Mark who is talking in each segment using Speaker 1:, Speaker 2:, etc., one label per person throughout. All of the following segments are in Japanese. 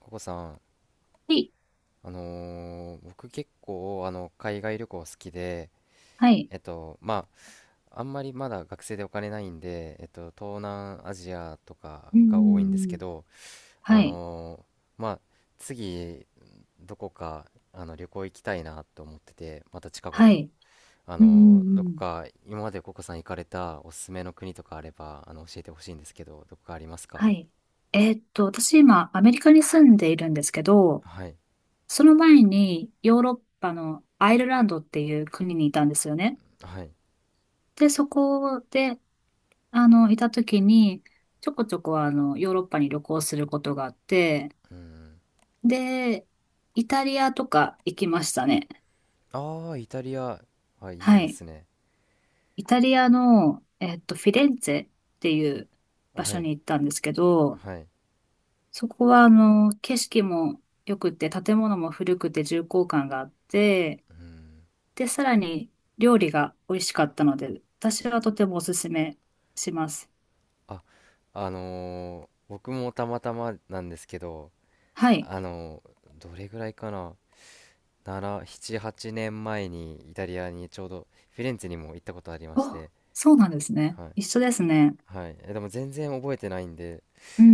Speaker 1: ココさん、
Speaker 2: はい。
Speaker 1: 僕結構海外旅行好きで、
Speaker 2: はい。
Speaker 1: まあ、あんまりまだ学生でお金ないんで、東南アジアとか
Speaker 2: う
Speaker 1: が多いんですけ
Speaker 2: ん。
Speaker 1: ど、
Speaker 2: は
Speaker 1: あ
Speaker 2: い。
Speaker 1: のまあ、次どこか旅行行きたいなと思ってて、また近
Speaker 2: は
Speaker 1: 頃、
Speaker 2: い。う
Speaker 1: どこ
Speaker 2: ん。
Speaker 1: か今までココさん行かれたおすすめの国とかあれば教えてほしいんですけど、どこかあります
Speaker 2: は
Speaker 1: か？
Speaker 2: い。私今、アメリカに住んでいるんですけど、
Speaker 1: はい、
Speaker 2: その前にヨーロッパのアイルランドっていう国にいたんですよね。
Speaker 1: はい、
Speaker 2: で、そこで、いた時に、ちょこちょこヨーロッパに旅行することがあって、
Speaker 1: うん、
Speaker 2: で、イタリアとか行きましたね。
Speaker 1: ああ、イタリア、あ、いい
Speaker 2: は
Speaker 1: で
Speaker 2: い。
Speaker 1: すね。
Speaker 2: イタリアの、フィレンツェっていう場
Speaker 1: は
Speaker 2: 所
Speaker 1: い。
Speaker 2: に行ったんですけど、
Speaker 1: はい。
Speaker 2: そこは、景色も良くて、建物も古くて重厚感があって、
Speaker 1: うん。
Speaker 2: で、さらに料理が美味しかったので、私はとてもおすすめします。
Speaker 1: あ、僕もたまたまなんですけど、
Speaker 2: はい。
Speaker 1: どれぐらいかな、7、7、8年前にイタリアにちょうどフィレンツェにも行ったことありまし
Speaker 2: お、
Speaker 1: て、
Speaker 2: そうなんですね。
Speaker 1: はい。
Speaker 2: 一緒ですね。
Speaker 1: はい。え、でも全然覚えてないんで、
Speaker 2: うんう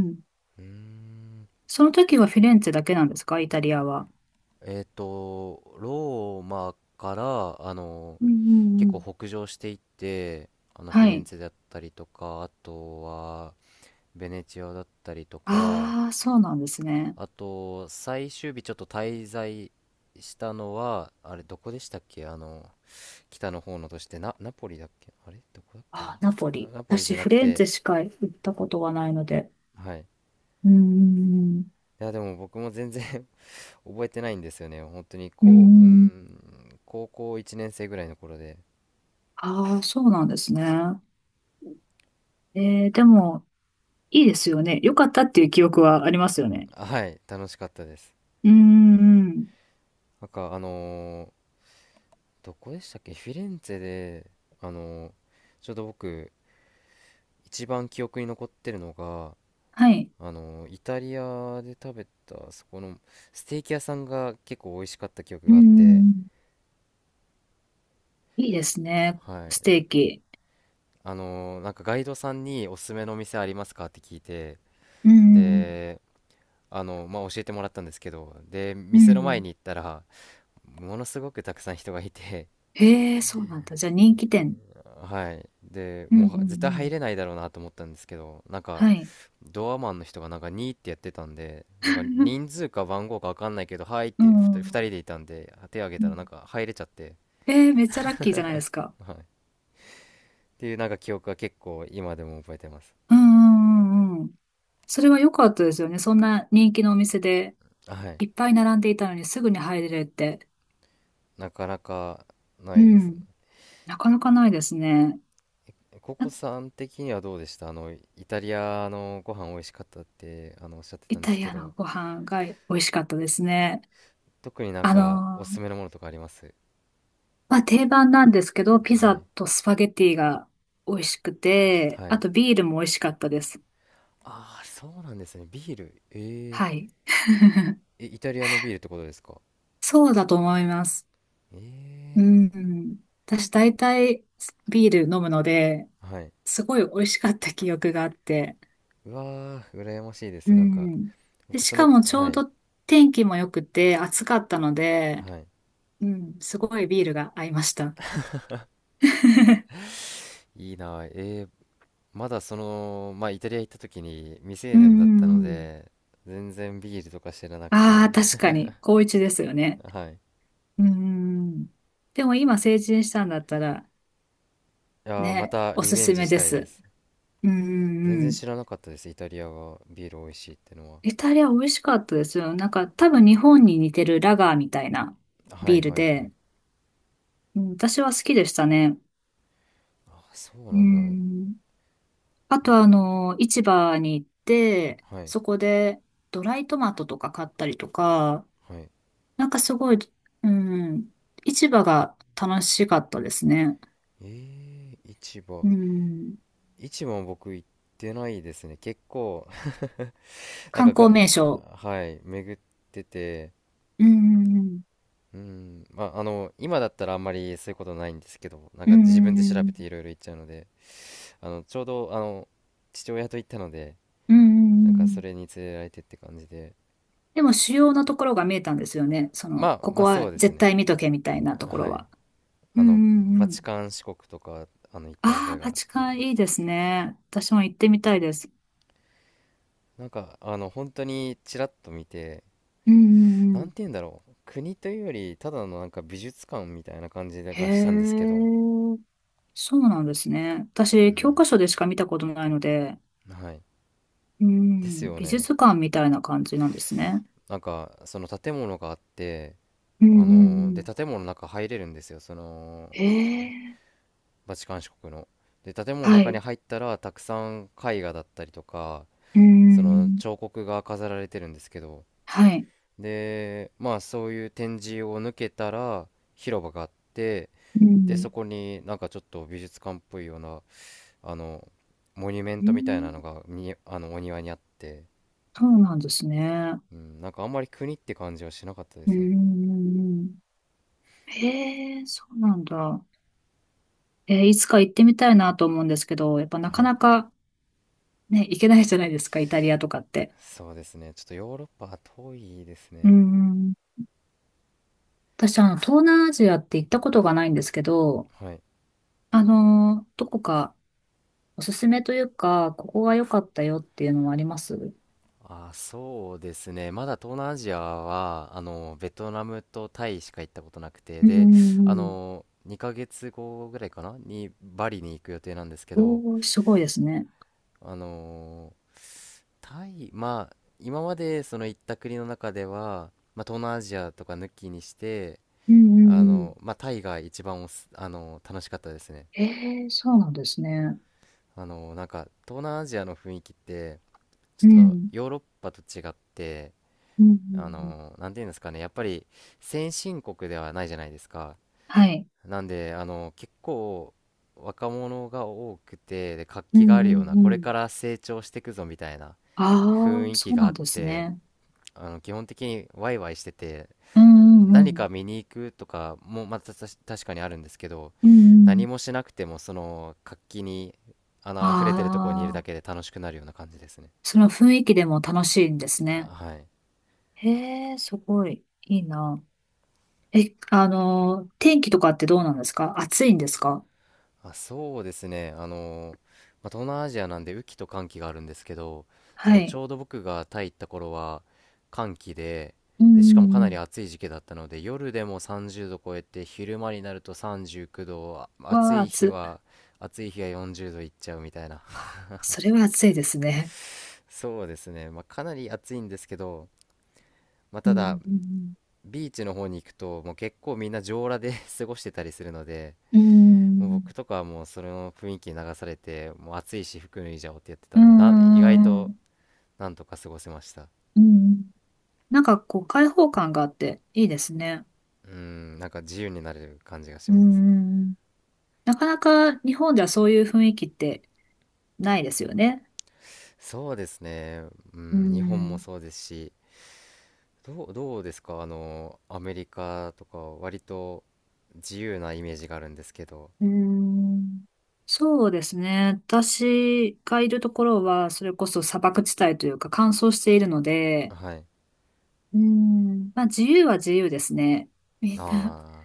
Speaker 2: んうん。
Speaker 1: うーん。
Speaker 2: その時はフィレンツェだけなんですか？イタリアは。
Speaker 1: ローマから、
Speaker 2: うんうんう
Speaker 1: 結構
Speaker 2: ん。
Speaker 1: 北上していって、フィ
Speaker 2: は
Speaker 1: レン
Speaker 2: い。
Speaker 1: ツェだったりとか、あとは、ベネチアだったりとか、
Speaker 2: ああ、そうなんですね。
Speaker 1: あと、最終日ちょっと滞在したのは、あれ、どこでしたっけ北の方の都市て、ナポリだっけあれどこだっけな、
Speaker 2: あー、ナポ
Speaker 1: あ、
Speaker 2: リ。
Speaker 1: ナポリじ
Speaker 2: 私、
Speaker 1: ゃな
Speaker 2: フィ
Speaker 1: く
Speaker 2: レンツ
Speaker 1: て、
Speaker 2: ェしか行ったことがないので。
Speaker 1: はい。い
Speaker 2: うん
Speaker 1: や、でも僕も全然 覚えてないんですよね。本当に、
Speaker 2: うんうん。う
Speaker 1: こう、うー
Speaker 2: んうん。
Speaker 1: ん、高校1年生ぐらいの頃で、
Speaker 2: ああ、そうなんですね。でも、いいですよね。良かったっていう記憶はありますよね。
Speaker 1: はい、楽しかったです。
Speaker 2: うーん。
Speaker 1: なんか、どこでしたっけ、フィレンツェで、あのーちょうど僕、一番記憶に残ってるのが、
Speaker 2: はい。
Speaker 1: イタリアで食べたそこのステーキ屋さんが結構美味しかった記憶
Speaker 2: うー
Speaker 1: があって。
Speaker 2: ん。いいですね。
Speaker 1: はい
Speaker 2: ス
Speaker 1: な、
Speaker 2: テーキ。
Speaker 1: なんかガイドさんにおすすめのお店ありますか？って聞いて、
Speaker 2: うーん。
Speaker 1: でまあ教えてもらったんですけど、で
Speaker 2: う
Speaker 1: 店の前
Speaker 2: ん。
Speaker 1: に行ったらものすごくたくさん人がいて。
Speaker 2: へえ、そうなんだ。じゃあ人気店。
Speaker 1: はい。で、
Speaker 2: う
Speaker 1: も
Speaker 2: ん
Speaker 1: う
Speaker 2: うん
Speaker 1: は
Speaker 2: う
Speaker 1: 絶対入
Speaker 2: ん。
Speaker 1: れないだろうなと思ったんですけど、なんか、
Speaker 2: はい。
Speaker 1: ドアマンの人がなんか2ってやってたんで、なんか人 数か番号かわかんないけど、はいっ
Speaker 2: う
Speaker 1: て
Speaker 2: ん
Speaker 1: 2、
Speaker 2: うん
Speaker 1: 二人でいたんで、手挙げ
Speaker 2: う
Speaker 1: たら
Speaker 2: ん。
Speaker 1: なんか入れちゃって、
Speaker 2: えー、めっちゃラッキーじゃないですか？
Speaker 1: はい。っていうなんか記憶が結構今でも覚えてます。
Speaker 2: うんうんうんうん。それは良かったですよね。そんな人気のお店で、
Speaker 1: はい。
Speaker 2: いっぱい並んでいたのにすぐに入れるって。
Speaker 1: なかなかな
Speaker 2: う
Speaker 1: いですね。
Speaker 2: ん。なかなかないですね。
Speaker 1: ココさん的にはどうでした？イタリアのご飯美味しかったって、おっしゃってた
Speaker 2: イ
Speaker 1: んで
Speaker 2: タ
Speaker 1: す
Speaker 2: リ
Speaker 1: け
Speaker 2: アの
Speaker 1: ど、
Speaker 2: ご飯が美味しかったですね。
Speaker 1: 特になん
Speaker 2: あの
Speaker 1: かおす
Speaker 2: ー、
Speaker 1: すめのものとかあります？
Speaker 2: まあ、定番なんですけど、ピ
Speaker 1: は
Speaker 2: ザ
Speaker 1: い。
Speaker 2: とスパゲティが美味しくて、
Speaker 1: は
Speaker 2: あ
Speaker 1: い。
Speaker 2: とビールも美味しかったです。
Speaker 1: ああ、そうなんですね。ビール。ええ。
Speaker 2: はい。
Speaker 1: え、イタリアのビールってことですか？
Speaker 2: そうだと思います。
Speaker 1: え
Speaker 2: う
Speaker 1: え。
Speaker 2: ん。私大体ビール飲むので、
Speaker 1: はい。
Speaker 2: すごい美味しかった記憶があって。
Speaker 1: うわー、羨ましいで
Speaker 2: う
Speaker 1: す。なんか、
Speaker 2: ん。で、
Speaker 1: 僕
Speaker 2: し
Speaker 1: そ
Speaker 2: か
Speaker 1: の、
Speaker 2: もちょ
Speaker 1: は
Speaker 2: う
Speaker 1: い。
Speaker 2: ど天気も良くて暑かったので、
Speaker 1: はい。
Speaker 2: うん、すごいビールが合いました。
Speaker 1: いいなあ。ーまだその、まあ、イタリア行った時に未成
Speaker 2: うんう
Speaker 1: 年だったの
Speaker 2: んうん。
Speaker 1: で、全然ビールとか知らなく
Speaker 2: あ
Speaker 1: て。
Speaker 2: あ、確かに、高一ですよね。
Speaker 1: はい。
Speaker 2: うーん。でも今成人したんだったら、
Speaker 1: あ、ま
Speaker 2: ね、
Speaker 1: た
Speaker 2: お
Speaker 1: リ
Speaker 2: す
Speaker 1: ベン
Speaker 2: す
Speaker 1: ジ
Speaker 2: め
Speaker 1: し
Speaker 2: で
Speaker 1: たいで
Speaker 2: す。
Speaker 1: す。
Speaker 2: うー
Speaker 1: 全然
Speaker 2: ん。
Speaker 1: 知らなかったです。イタリアがビール美味しいってのは。
Speaker 2: イタリア美味しかったですよ。なんか多分日本に似てるラガーみたいな
Speaker 1: は
Speaker 2: ビ
Speaker 1: い
Speaker 2: ール
Speaker 1: はいはい。
Speaker 2: で、うん、私は好きでしたね。
Speaker 1: あ、そう
Speaker 2: うー
Speaker 1: なんだ。
Speaker 2: ん。あ
Speaker 1: え
Speaker 2: と
Speaker 1: ー
Speaker 2: 市場に行って、
Speaker 1: はい。
Speaker 2: そこでドライトマトとか買ったりとか、
Speaker 1: はい。
Speaker 2: なんかすごい、うん、市場が楽しかったですね。
Speaker 1: ええ、市場。
Speaker 2: うん。
Speaker 1: 市も僕行ってないですね。結構、なん
Speaker 2: 観
Speaker 1: か
Speaker 2: 光
Speaker 1: が、
Speaker 2: 名所。
Speaker 1: はい、巡ってて、
Speaker 2: うん、
Speaker 1: うん、まあ、今だったらあんまりそういうことないんですけど、なん
Speaker 2: うん、
Speaker 1: か
Speaker 2: う
Speaker 1: 自分で調べ
Speaker 2: ん、
Speaker 1: ていろいろ行っちゃうので、ちょうど、父親と行ったので、
Speaker 2: うん、
Speaker 1: なん
Speaker 2: う
Speaker 1: かそ
Speaker 2: ん。
Speaker 1: れに連れられてって感じで、
Speaker 2: でも主要なところが見えたんですよね。そ
Speaker 1: ま
Speaker 2: の、
Speaker 1: あ、
Speaker 2: こ
Speaker 1: ま
Speaker 2: こ
Speaker 1: あそ
Speaker 2: は
Speaker 1: うです
Speaker 2: 絶
Speaker 1: ね。
Speaker 2: 対見とけみたいなとこ
Speaker 1: は
Speaker 2: ろ
Speaker 1: い。
Speaker 2: は。う
Speaker 1: あ
Speaker 2: ん、
Speaker 1: の、
Speaker 2: うん、
Speaker 1: バ
Speaker 2: う
Speaker 1: チ
Speaker 2: ん。
Speaker 1: カン四国とか、行った
Speaker 2: あ
Speaker 1: 覚
Speaker 2: あ、
Speaker 1: えが
Speaker 2: バ
Speaker 1: あ
Speaker 2: チ
Speaker 1: り
Speaker 2: カン
Speaker 1: ま
Speaker 2: いい
Speaker 1: す。
Speaker 2: ですね。私も行ってみたいです。
Speaker 1: なんか、本当にちらっと見て、
Speaker 2: うん、うん、
Speaker 1: な
Speaker 2: う
Speaker 1: ん
Speaker 2: ん。
Speaker 1: て言うんだろう、国というよりただのなんか美術館みたいな感じ
Speaker 2: へ
Speaker 1: がしたんですけど。
Speaker 2: え、そうなんですね。
Speaker 1: う
Speaker 2: 私、教
Speaker 1: ん、
Speaker 2: 科書でしか見たことないので、
Speaker 1: はい。
Speaker 2: う
Speaker 1: です
Speaker 2: ん、
Speaker 1: よ
Speaker 2: 美
Speaker 1: ね。
Speaker 2: 術館みたいな感じなんですね。
Speaker 1: なんかその建物があって、
Speaker 2: うん、うん、う
Speaker 1: で
Speaker 2: ん。
Speaker 1: 建物の中入れるんですよ、その
Speaker 2: へえ、
Speaker 1: バチカン市国の。で建物の
Speaker 2: は
Speaker 1: 中に
Speaker 2: い。
Speaker 1: 入ったらたくさん絵画だったりとか、
Speaker 2: う
Speaker 1: その
Speaker 2: ん、
Speaker 1: 彫刻が飾られてるんですけど、
Speaker 2: はい。
Speaker 1: でまあそういう展示を抜けたら広場があって、
Speaker 2: う
Speaker 1: で
Speaker 2: ん
Speaker 1: そこになんかちょっと美術館っぽいようなあの、モニュメン
Speaker 2: う
Speaker 1: ト
Speaker 2: ん、
Speaker 1: みたいなのがに、お庭にあって、
Speaker 2: そうなんですね。
Speaker 1: うん、なんかあんまり国って感じはしなかったで
Speaker 2: うー
Speaker 1: すね。
Speaker 2: ん。へえ、そうなんだ。いつか行ってみたいなと思うんですけど、やっぱなか
Speaker 1: はい。
Speaker 2: なかね、行けないじゃないですか、イタリアとかって。
Speaker 1: そうですね。ちょっとヨーロッパは遠いです
Speaker 2: う
Speaker 1: ね。
Speaker 2: ん。私、東南アジアって行ったことがないんですけど、
Speaker 1: はい。
Speaker 2: どこかおすすめというか、ここが良かったよっていうのはあります。うん
Speaker 1: あ、そうですね。まだ東南アジアは、ベトナムとタイしか行ったことなくて、
Speaker 2: う
Speaker 1: で、
Speaker 2: んうん。
Speaker 1: 2ヶ月後ぐらいかなにバリに行く予定なんですけど、
Speaker 2: おー、すごいですね。
Speaker 1: あの、タイ、まあ、今までその行った国の中では、まあ、東南アジアとか抜きにして、
Speaker 2: うんうんうん。
Speaker 1: まあ、タイが一番おす、あの、楽しかったですね。
Speaker 2: へえ、そうなんですね。
Speaker 1: なんか、東南アジアの雰囲気って、ちょ
Speaker 2: う
Speaker 1: っと
Speaker 2: ん。
Speaker 1: ヨーロッパと違って、
Speaker 2: うんうんうん。
Speaker 1: なんていうんですかね、やっぱり先進国ではないじゃないですか。
Speaker 2: はい。
Speaker 1: なんで、結構、若者が多くて、で、活
Speaker 2: うん
Speaker 1: 気がある
Speaker 2: う
Speaker 1: ような、
Speaker 2: んう
Speaker 1: これ
Speaker 2: ん。
Speaker 1: から成長していくぞみたいな
Speaker 2: あ
Speaker 1: 雰
Speaker 2: あ、
Speaker 1: 囲気
Speaker 2: そう
Speaker 1: が
Speaker 2: な
Speaker 1: あ
Speaker 2: ん
Speaker 1: っ
Speaker 2: です
Speaker 1: て、
Speaker 2: ね。
Speaker 1: 基本的にワイワイしてて、
Speaker 2: うんうんう
Speaker 1: 何
Speaker 2: ん。
Speaker 1: か見に行くとかもまた確かにあるんですけど、
Speaker 2: うんう
Speaker 1: 何
Speaker 2: ん。
Speaker 1: もしなくてもその活気に溢れてるところにいるだ
Speaker 2: あ
Speaker 1: けで
Speaker 2: あ、
Speaker 1: 楽しくなるような感じですね。
Speaker 2: その雰囲気でも楽しいんです
Speaker 1: あ、
Speaker 2: ね。
Speaker 1: はい。
Speaker 2: へえ、すごい。いいな。え、天気とかってどうなんですか？暑いんですか？
Speaker 1: あ、そうですね。まあ、東南アジアなんで雨季と乾季があるんですけど、そ
Speaker 2: は
Speaker 1: のち
Speaker 2: い。
Speaker 1: ょうど僕がタイ行った頃は乾季で、
Speaker 2: うんう
Speaker 1: で、しかもか
Speaker 2: んう
Speaker 1: なり
Speaker 2: ん。
Speaker 1: 暑い時期だったので、夜でも30度超えて、昼間になると39度、あ、暑
Speaker 2: わあ、
Speaker 1: い日
Speaker 2: 暑い。
Speaker 1: は、暑い日は40度いっちゃうみたいな。
Speaker 2: それは暑いですね。
Speaker 1: そうですね。まあ、かなり暑いんですけど、まあ、
Speaker 2: う
Speaker 1: ただ、
Speaker 2: んうん
Speaker 1: ビーチの方に行くと、もう結構みんな上裸で 過ごしてたりするので、
Speaker 2: う
Speaker 1: もう
Speaker 2: ん。
Speaker 1: 僕とかはもうそれの雰囲気に流されて、もう暑いし服脱いじゃおうってやってた
Speaker 2: うん。
Speaker 1: んでな、意外
Speaker 2: うん。う
Speaker 1: と
Speaker 2: ん
Speaker 1: なんとか過ごせました。
Speaker 2: うん。なんかこう、開放感があっていいですね。
Speaker 1: うん、なんか自由になれる感じがし
Speaker 2: う
Speaker 1: ます。
Speaker 2: んうん。なかなか日本ではそういう雰囲気ってないですよね。
Speaker 1: そうですね。う
Speaker 2: う
Speaker 1: ん、日本も
Speaker 2: ん。
Speaker 1: そうですし、どうですか？アメリカとか割と自由なイメージがあるんですけど。
Speaker 2: うん。そうですね。私がいるところは、それこそ砂漠地帯というか乾燥しているので、
Speaker 1: はい。
Speaker 2: うん。まあ自由は自由ですね。みんな、
Speaker 1: あ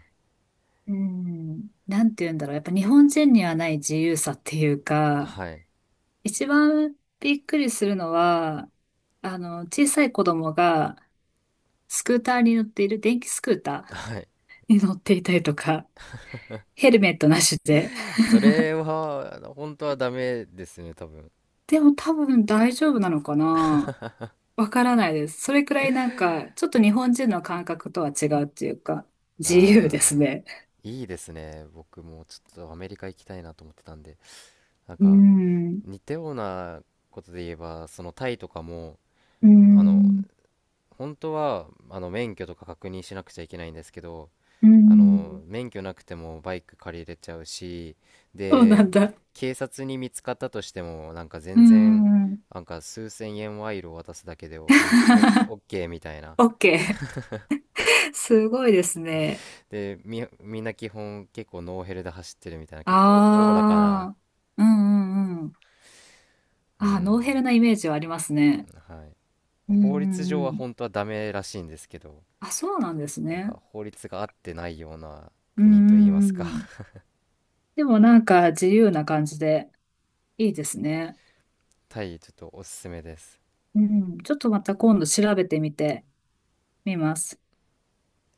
Speaker 2: うん、なんて言うんだろう。やっぱ日本人にはない自由さっていう
Speaker 1: あ、
Speaker 2: か、
Speaker 1: ー、はい、
Speaker 2: 一番びっくりするのは、小さい子供がスクーターに乗っている、電気スクータ
Speaker 1: はい。
Speaker 2: ーに乗っていたりとか、ヘルメットなしで。
Speaker 1: それは本当はダメですね、多分。
Speaker 2: でも多分大丈夫なのかな。わからないです。それくらいなんか、ちょっと日本人の感覚とは違うっていうか、自由です
Speaker 1: あ
Speaker 2: ね。
Speaker 1: ー、いいですね。僕もちょっとアメリカ行きたいなと思ってたんで、なん
Speaker 2: うー
Speaker 1: か
Speaker 2: ん、
Speaker 1: 似たようなことで言えば、そのタイとかも
Speaker 2: うー
Speaker 1: あの
Speaker 2: ん、
Speaker 1: 本当は免許とか確認しなくちゃいけないんですけど、
Speaker 2: うーん。
Speaker 1: 免許なくてもバイク借りれちゃうし、
Speaker 2: そうな
Speaker 1: で
Speaker 2: んだ。
Speaker 1: 警察に見つかったとしても、なんか
Speaker 2: うー
Speaker 1: 全然
Speaker 2: ん。
Speaker 1: なんか数千円賄賂を渡すだけで、おみんおオッケーみたいな。
Speaker 2: オッケー。すごいですね。
Speaker 1: で、みんな基本結構ノーヘルで走ってるみたいな、
Speaker 2: あ
Speaker 1: 結構おおらかな。
Speaker 2: あ、うんうんうん。
Speaker 1: う
Speaker 2: ああ、ノーヘル
Speaker 1: ん、
Speaker 2: なイメージはありますね。
Speaker 1: はい。
Speaker 2: うんう
Speaker 1: 法律
Speaker 2: ん
Speaker 1: 上
Speaker 2: う
Speaker 1: は
Speaker 2: ん。
Speaker 1: 本当はダメらしいんですけど、
Speaker 2: あ、そうなんです
Speaker 1: なん
Speaker 2: ね。
Speaker 1: か法律が合ってないような
Speaker 2: うん
Speaker 1: 国と
Speaker 2: う
Speaker 1: いいま
Speaker 2: んう
Speaker 1: すか。
Speaker 2: ん。でもなんか自由な感じで。いいですね。
Speaker 1: タイちょっとおすすめです。
Speaker 2: うん。ちょっとまた今度調べてみてみます。